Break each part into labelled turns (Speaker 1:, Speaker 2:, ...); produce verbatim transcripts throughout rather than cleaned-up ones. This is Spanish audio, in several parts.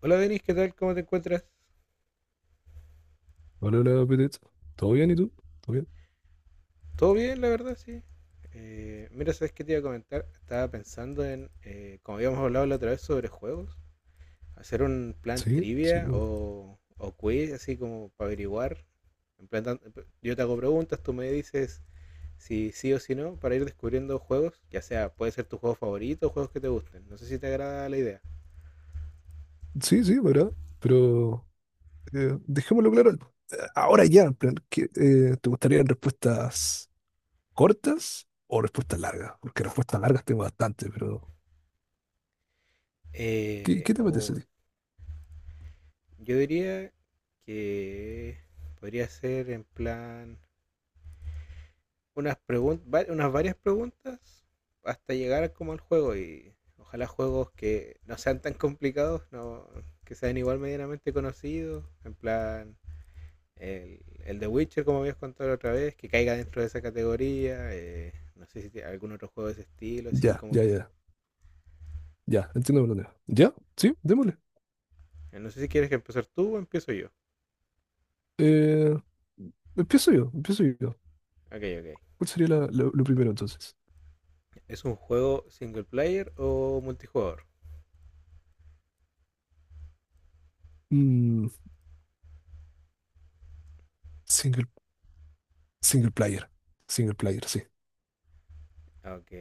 Speaker 1: Hola Denis, ¿qué tal? ¿Cómo te encuentras?
Speaker 2: Hola, hola, Pete. ¿Todo bien y tú? ¿Todo bien?
Speaker 1: ¿Todo bien, la verdad? Sí. Eh, mira, ¿sabes qué te iba a comentar? Estaba pensando en, eh, como habíamos hablado la otra vez sobre juegos, hacer un plan
Speaker 2: Sí, sí,
Speaker 1: trivia
Speaker 2: me-
Speaker 1: o, o quiz, así como para averiguar. En plan, tan- eh, yo te hago preguntas, tú me dices si sí o si no, para ir descubriendo juegos, ya sea, puede ser tu juego favorito o juegos que te gusten. No sé si te agrada la idea.
Speaker 2: sí, sí, ¿verdad? Pero eh, dejémoslo claro ahora ya, en plan, ¿qué, eh, ¿te gustarían respuestas cortas o respuestas largas? Porque respuestas largas tengo bastante, pero ¿qué,
Speaker 1: Eh,
Speaker 2: qué te apetece a
Speaker 1: oh,
Speaker 2: ti?
Speaker 1: yo diría que podría ser en plan, unas, preguntas unas varias preguntas hasta llegar como al juego y ojalá juegos que no sean tan complicados, no, que sean igual medianamente conocidos, en plan el, el The Witcher como habías contado la otra vez, que caiga dentro de esa categoría, eh, no sé si tiene algún otro juego de ese estilo, así
Speaker 2: Ya,
Speaker 1: como
Speaker 2: ya,
Speaker 1: que...
Speaker 2: ya, ya, entiendo por dónde. ¿Ya? Sí, démosle.
Speaker 1: eh, No sé si quieres que empezar tú o empiezo yo.
Speaker 2: Eh, Empiezo yo, empiezo yo.
Speaker 1: Ok, ok.
Speaker 2: ¿Cuál sería la- lo, lo primero entonces?
Speaker 1: ¿Es un juego single player o multijugador?
Speaker 2: Mm, single, Single player, single player, sí.
Speaker 1: Ok.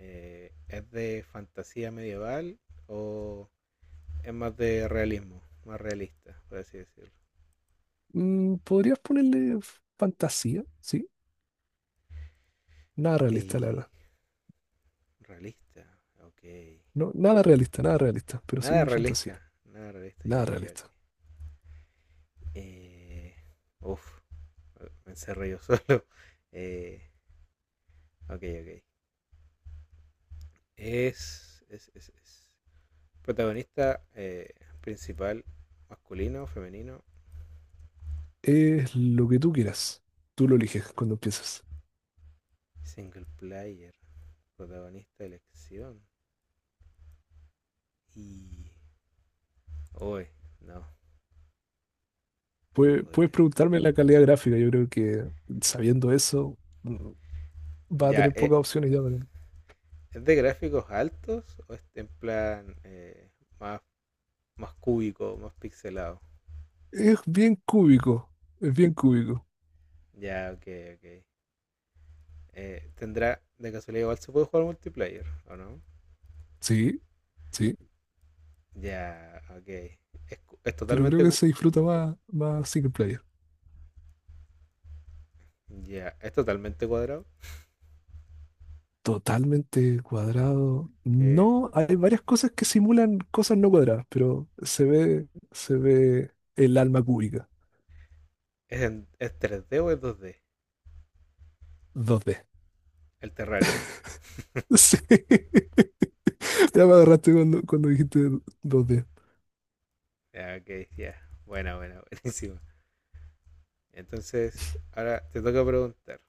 Speaker 1: Eh, ¿Es de fantasía medieval o es más de realismo, más realista, por así decirlo?
Speaker 2: Mm, podrías ponerle fantasía, ¿sí? Nada realista, la
Speaker 1: Y
Speaker 2: verdad.
Speaker 1: realista, ok.
Speaker 2: No, nada realista, nada realista, pero
Speaker 1: Nada
Speaker 2: sí
Speaker 1: realista,
Speaker 2: fantasía.
Speaker 1: nada realista, ya,
Speaker 2: Nada
Speaker 1: ya, ya, ok.
Speaker 2: realista.
Speaker 1: Eh, uf, me encerré yo solo. Eh, ok, ok. Es, es, es, es. Protagonista eh, principal, masculino, femenino,
Speaker 2: Es lo que tú quieras. Tú lo eliges cuando empiezas.
Speaker 1: single player, protagonista de elección. Y... uy, no. ¿Cuál
Speaker 2: Puedes, puedes
Speaker 1: podría ser?
Speaker 2: preguntarme la calidad gráfica. Yo creo que sabiendo eso, mm, va a
Speaker 1: Ya,
Speaker 2: tener
Speaker 1: eh,
Speaker 2: pocas opciones ya. para-
Speaker 1: ¿es de gráficos altos o es en plan eh, más, más cúbico, más pixelado?
Speaker 2: Es bien cúbico. Es bien cúbico.
Speaker 1: Ya, ok, ok. Eh, ¿tendrá, de casualidad, igual se puede jugar multiplayer o no?
Speaker 2: Sí, sí.
Speaker 1: Ya, ok. Es, cu- es
Speaker 2: Pero creo
Speaker 1: totalmente,
Speaker 2: que
Speaker 1: cu-
Speaker 2: se disfruta más, más single player.
Speaker 1: ya, es totalmente cuadrado.
Speaker 2: Totalmente cuadrado.
Speaker 1: Que
Speaker 2: No, hay varias cosas que simulan cosas no cuadradas, pero se ve, se ve el alma cúbica.
Speaker 1: es, en- ¿Es tres D o es dos D?
Speaker 2: dos d.
Speaker 1: El Terraria.
Speaker 2: Sí. Ya me agarraste cuando, cuando, dijiste dos d.
Speaker 1: Ya, ok, ya. Buena, buena, buenísima. Entonces, ahora te toca preguntar.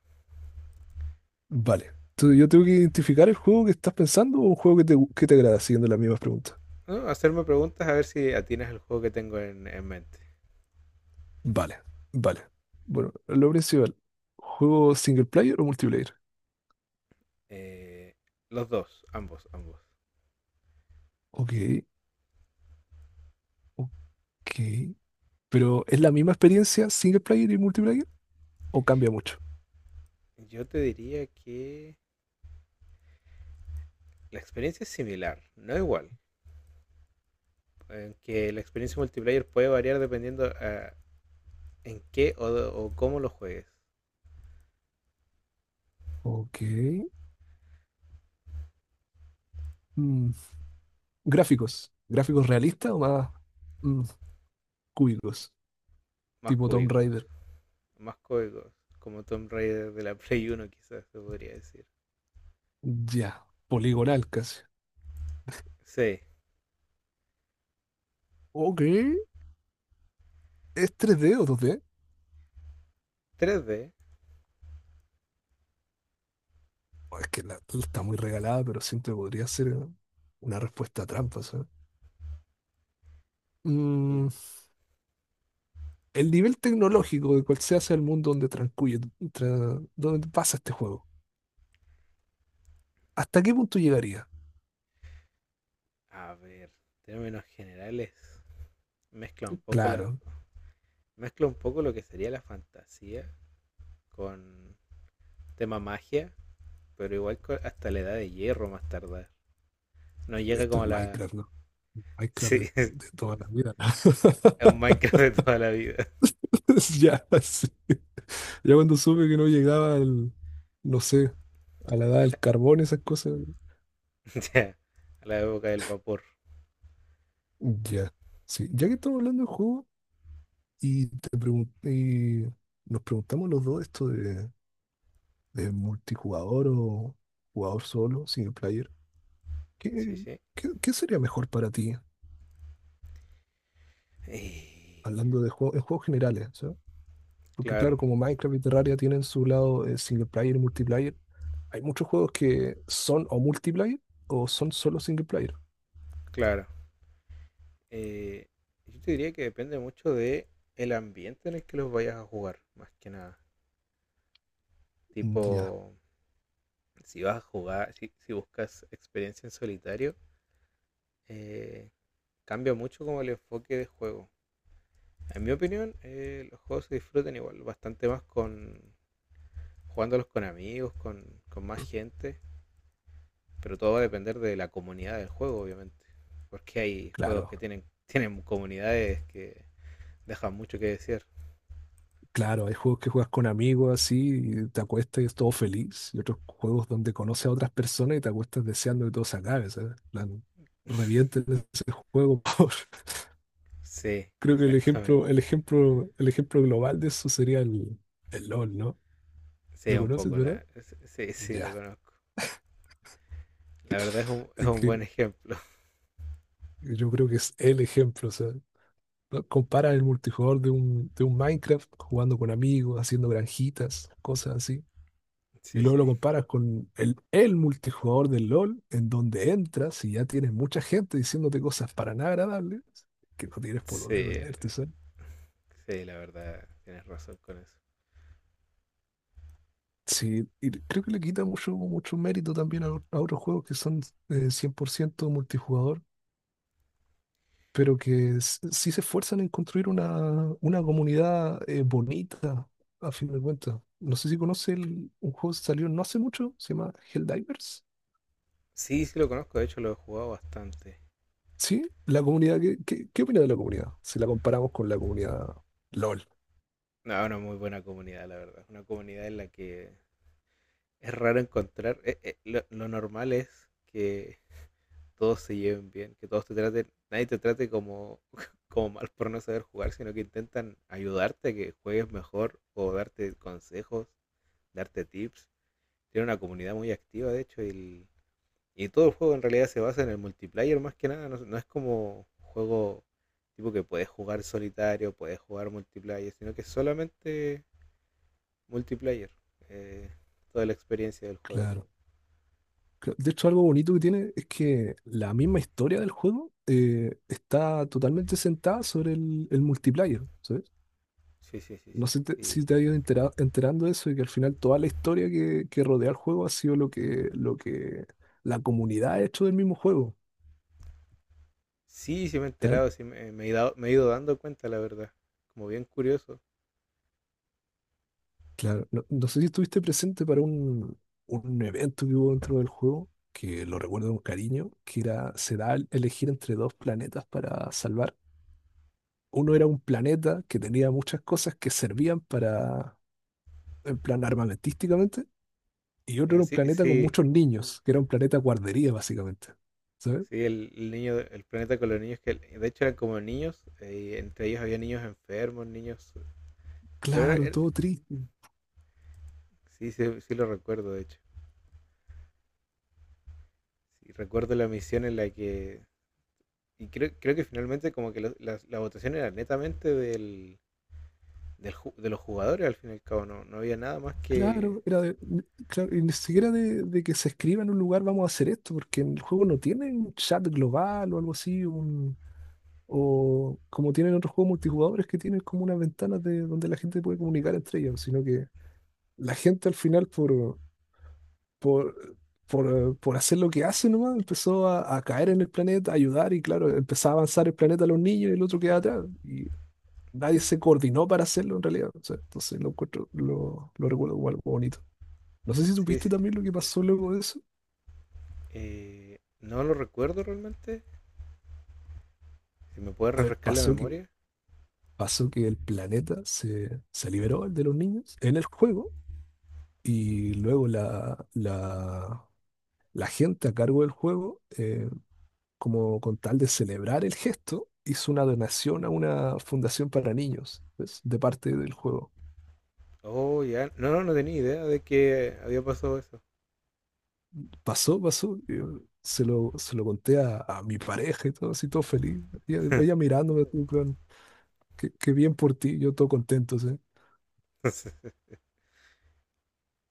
Speaker 2: Vale. Tú- yo tengo que identificar el juego que estás pensando o un juego que te, que te agrada, siguiendo las mismas preguntas.
Speaker 1: ¿No? Hacerme preguntas a ver si atinas el juego que tengo en, en mente.
Speaker 2: Vale, vale. Bueno, lo principal. ¿Juego single player o multiplayer?
Speaker 1: Eh, los dos, ambos, ambos.
Speaker 2: Ok, ok. Pero ¿es la misma experiencia single player y multiplayer? ¿O cambia mucho?
Speaker 1: Yo te diría que la experiencia es similar, no igual. eh, que la experiencia multiplayer puede variar dependiendo ah, en qué o, o cómo lo juegues.
Speaker 2: Ok. Mm, Gráficos. ¿Gráficos realistas o más mm, cúbicos?
Speaker 1: Más
Speaker 2: Tipo Tomb
Speaker 1: cúbicos,
Speaker 2: Raider.
Speaker 1: más cúbicos. Como Tomb Raider de la Play uno quizás se podría decir.
Speaker 2: Ya. Poligonal casi.
Speaker 1: Sí,
Speaker 2: Ok. es tres 3D o dos d?
Speaker 1: tres D.
Speaker 2: Oh, es que la, está muy regalada, pero siento que podría ser una respuesta trampa, ¿sabes? Mm,
Speaker 1: eh,
Speaker 2: el nivel tecnológico de cual se hace el mundo donde transcurre, tra- donde pasa este juego. ¿Hasta qué punto llegaría?
Speaker 1: a ver, términos generales. Mezcla un poco la,
Speaker 2: Claro,
Speaker 1: mezcla un poco lo que sería la fantasía con tema magia pero igual co- hasta la edad de hierro más tardar. No llega
Speaker 2: esto
Speaker 1: como
Speaker 2: es
Speaker 1: a la...
Speaker 2: Minecraft, ¿no? Minecraft de,
Speaker 1: Sí,
Speaker 2: de toda la vida. ¿No?
Speaker 1: a un Minecraft de toda la vida.
Speaker 2: Ya, sí. Ya cuando supe que no llegaba al, no sé, a la edad del carbón, esas cosas,
Speaker 1: Ya, a la época del vapor.
Speaker 2: ya. Sí, ya que estamos hablando de juegos y te pregun- y nos preguntamos los dos esto de, de multijugador o jugador solo, single player,
Speaker 1: Sí,
Speaker 2: ¿qué,
Speaker 1: sí.
Speaker 2: qué, qué sería mejor para ti?
Speaker 1: Eh,
Speaker 2: Hablando de juegos, en juegos generales, ¿sabes? Porque claro,
Speaker 1: claro,
Speaker 2: como Minecraft y Terraria tienen su lado eh, single player y multiplayer, hay muchos juegos que son o multiplayer o son solo single player.
Speaker 1: claro. Eh, yo te diría que depende mucho de el ambiente en el que los vayas a jugar, más que nada. Tipo,
Speaker 2: Ya,
Speaker 1: si vas a jugar, si, si buscas experiencia en solitario, eh, cambia mucho como el enfoque de juego. En mi opinión, eh, los juegos se disfrutan igual, bastante más con jugándolos con amigos, con, con más gente, pero todo va a depender de la comunidad del juego, obviamente, porque hay juegos
Speaker 2: claro.
Speaker 1: que tienen, tienen comunidades que dejan mucho que decir.
Speaker 2: Claro, hay juegos que juegas con amigos así, y te acuestas y es todo feliz, y otros juegos donde conoces a otras personas y te acuestas deseando que todo se acabe, ¿sabes? En plan, revienten ese juego, por favor.
Speaker 1: Sí,
Speaker 2: Creo que el
Speaker 1: exactamente.
Speaker 2: ejemplo, el ejemplo, el ejemplo global de eso sería el, el LOL, ¿no?
Speaker 1: Sí,
Speaker 2: ¿Lo
Speaker 1: un
Speaker 2: conoces,
Speaker 1: poco,
Speaker 2: verdad?
Speaker 1: la, sí, sí, sí, lo
Speaker 2: Ya,
Speaker 1: conozco. La verdad es un, es
Speaker 2: es
Speaker 1: un
Speaker 2: que
Speaker 1: buen ejemplo.
Speaker 2: yo creo que es el ejemplo, o sea, ¿no? Compara el multijugador de un, de un, Minecraft jugando con amigos, haciendo granjitas, cosas así, y
Speaker 1: Sí,
Speaker 2: luego
Speaker 1: sí,
Speaker 2: lo comparas con el, el multijugador del LOL, en donde entras y ya tienes mucha gente diciéndote cosas para nada agradables, que no tienes por dónde
Speaker 1: sí,
Speaker 2: perderte, ¿sabes?
Speaker 1: sí, la verdad, tienes razón con eso.
Speaker 2: Sí, y creo que le quita mucho, mucho mérito también a, a otros juegos que son eh, cien por ciento multijugador, pero que s- sí se esfuerzan en construir una, una comunidad eh, bonita, a fin de cuentas. No sé si conoce el- un juego que salió no hace mucho, se llama Helldivers.
Speaker 1: Sí, sí lo conozco, de hecho lo he jugado bastante.
Speaker 2: Sí, la comunidad, ¿qué, qué, qué opinas de la comunidad? Si la comparamos con la comunidad LOL,
Speaker 1: No, una muy buena comunidad, la verdad. Una comunidad en la que es raro encontrar, eh, eh, lo, lo normal es que todos se lleven bien, que todos te traten, nadie te trate como, como mal por no saber jugar, sino que intentan ayudarte a que juegues mejor o darte consejos, darte tips. Tiene una comunidad muy activa, de hecho, y, el- y todo el juego en realidad se basa en el multiplayer más que nada, no, no es como juego tipo que puedes jugar solitario, puedes jugar multiplayer, sino que es solamente multiplayer, eh, toda la experiencia del juego.
Speaker 2: claro. Cla- De hecho, algo bonito que tiene es que la misma historia del juego eh, está totalmente sentada sobre el, el multiplayer, ¿sabes?
Speaker 1: Sí, sí, sí,
Speaker 2: No sé te-
Speaker 1: sí.
Speaker 2: si te has ido entera- enterando de eso y que al final toda la historia que, que rodea el juego ha sido lo que, lo que, la comunidad ha hecho del mismo juego.
Speaker 1: Sí, sí, sí me he enterado, sí me, me he dado- me he ido dando cuenta, la verdad. Como bien curioso.
Speaker 2: Claro, no, no sé si estuviste presente para un, un evento que hubo dentro del juego, que lo recuerdo con cariño, que era, se da a elegir entre dos planetas para salvar. Uno era un planeta que tenía muchas cosas que servían para, en plan armamentísticamente, y
Speaker 1: Y
Speaker 2: otro era un
Speaker 1: así,
Speaker 2: planeta con
Speaker 1: sí,
Speaker 2: muchos niños, que era un planeta guardería básicamente. ¿Sabes?
Speaker 1: sí, el, el niño, de- el planeta con los niños, que de hecho eran como niños, eh, y entre ellos había niños enfermos, niños... Pero era-
Speaker 2: Claro,
Speaker 1: era-
Speaker 2: todo triste.
Speaker 1: sí, sí, sí lo recuerdo, de hecho. Sí, recuerdo la misión en la que... Y creo, creo que finalmente como que lo- la, la votación era netamente del, del ju- de los jugadores, al fin y al cabo, no, no había nada más que...
Speaker 2: Claro, era de- claro, y ni siquiera de, de que se escriba en un lugar vamos a hacer esto, porque en el juego no tiene un chat global o algo así, o como tienen otros juegos multijugadores que tienen como unas ventanas de donde la gente puede comunicar entre ellos, sino que la gente al final por, por, por, por hacer lo que hace nomás empezó a, a caer en el planeta, a ayudar y claro, empezaba a avanzar el planeta a los niños y el otro quedaba atrás. Y nadie se coordinó para hacerlo en realidad. O sea, entonces lo encuentro, lo, lo recuerdo como algo bonito. No sé si
Speaker 1: Sí,
Speaker 2: supiste
Speaker 1: sí,
Speaker 2: también lo que pasó luego de eso.
Speaker 1: eh, no lo recuerdo realmente. Si me puede
Speaker 2: A ver,
Speaker 1: refrescar la
Speaker 2: pasó que,
Speaker 1: memoria.
Speaker 2: pasó que el planeta se, se liberó, el de los niños, en el juego. Y luego la, la- la gente a cargo del juego, eh, como con tal de celebrar el gesto, hizo una donación a una fundación para niños, ¿ves? De parte del juego.
Speaker 1: Oh, ya. No, no no tenía idea de que había pasado eso.
Speaker 2: Pasó, pasó. Yo se lo, se lo conté a, a mi pareja y todo, así todo feliz. Ella, ella mirándome, así, en plan, qué, qué bien por ti, yo todo contento, ¿sí?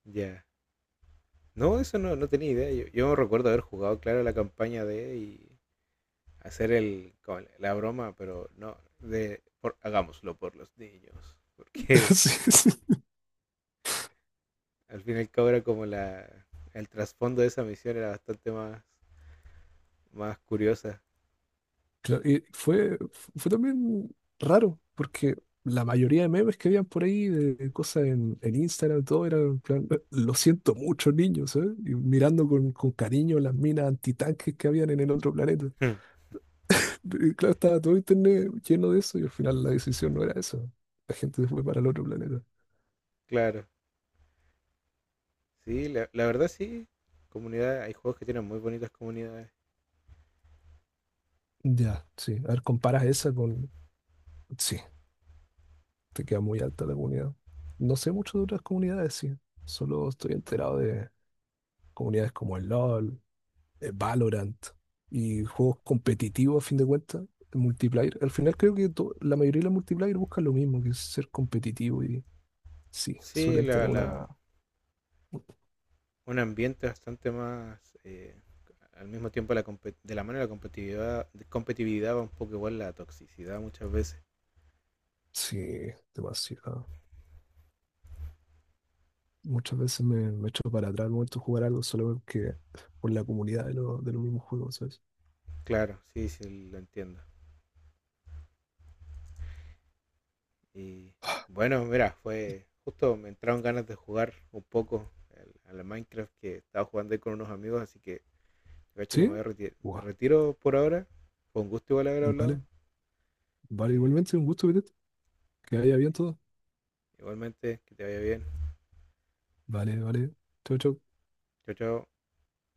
Speaker 1: Ya. No, eso no, no tenía idea. Yo, yo recuerdo haber jugado, claro, la campaña de y hacer el, como la broma, pero no, de por- hagámoslo por los niños. Porque
Speaker 2: Sí, sí.
Speaker 1: al fin y al cabo era como la, el trasfondo de esa misión era bastante más, más curiosa.
Speaker 2: Claro, y fue, fue también raro, porque la mayoría de memes que habían por ahí, de cosas en, en Instagram, todo era en plan, "Eh, lo siento mucho, niños, ¿eh?", y mirando con, con cariño las minas antitanques que habían en el otro planeta. Y claro, estaba todo internet lleno de eso y al final la decisión no era eso. La gente se fue para el otro planeta.
Speaker 1: Claro. Sí, la, la verdad sí. Comunidad, hay juegos que tienen muy bonitas comunidades.
Speaker 2: Ya, sí. A ver, comparas esa con. Sí, te queda muy alta la comunidad. No sé mucho de otras comunidades, sí. Solo estoy enterado de comunidades como el LOL eh, Valorant y juegos competitivos a fin de cuentas, el multiplayer. Al final creo que to- la mayoría de los multiplayer buscan lo mismo, que es ser competitivo y sí,
Speaker 1: Sí,
Speaker 2: suelen
Speaker 1: la,
Speaker 2: tener
Speaker 1: la,
Speaker 2: una.
Speaker 1: un ambiente bastante más... eh, al mismo tiempo la compe- de la mano de la competitividad, competitividad va un poco igual la toxicidad muchas veces.
Speaker 2: Sí, demasiado. Muchas veces me, me echo para atrás al momento de jugar algo solo porque por la comunidad de, lo- de los mismos juegos, ¿sabes?
Speaker 1: Claro, sí, sí, lo entiendo. Y bueno, mira, fue justo me entraron ganas de jugar un poco al- a la Minecraft que estaba jugando ahí con unos amigos, así que de hecho que me,
Speaker 2: ¿Sí?
Speaker 1: voy a reti- me
Speaker 2: Guau.
Speaker 1: retiro por ahora. Fue un gusto igual haber hablado.
Speaker 2: Vale, vale,
Speaker 1: Eh,
Speaker 2: igualmente un gusto, Vidente. Que haya bien todo.
Speaker 1: igualmente, que te vaya bien.
Speaker 2: Vale, vale. Chau, chau.
Speaker 1: Chao, chao.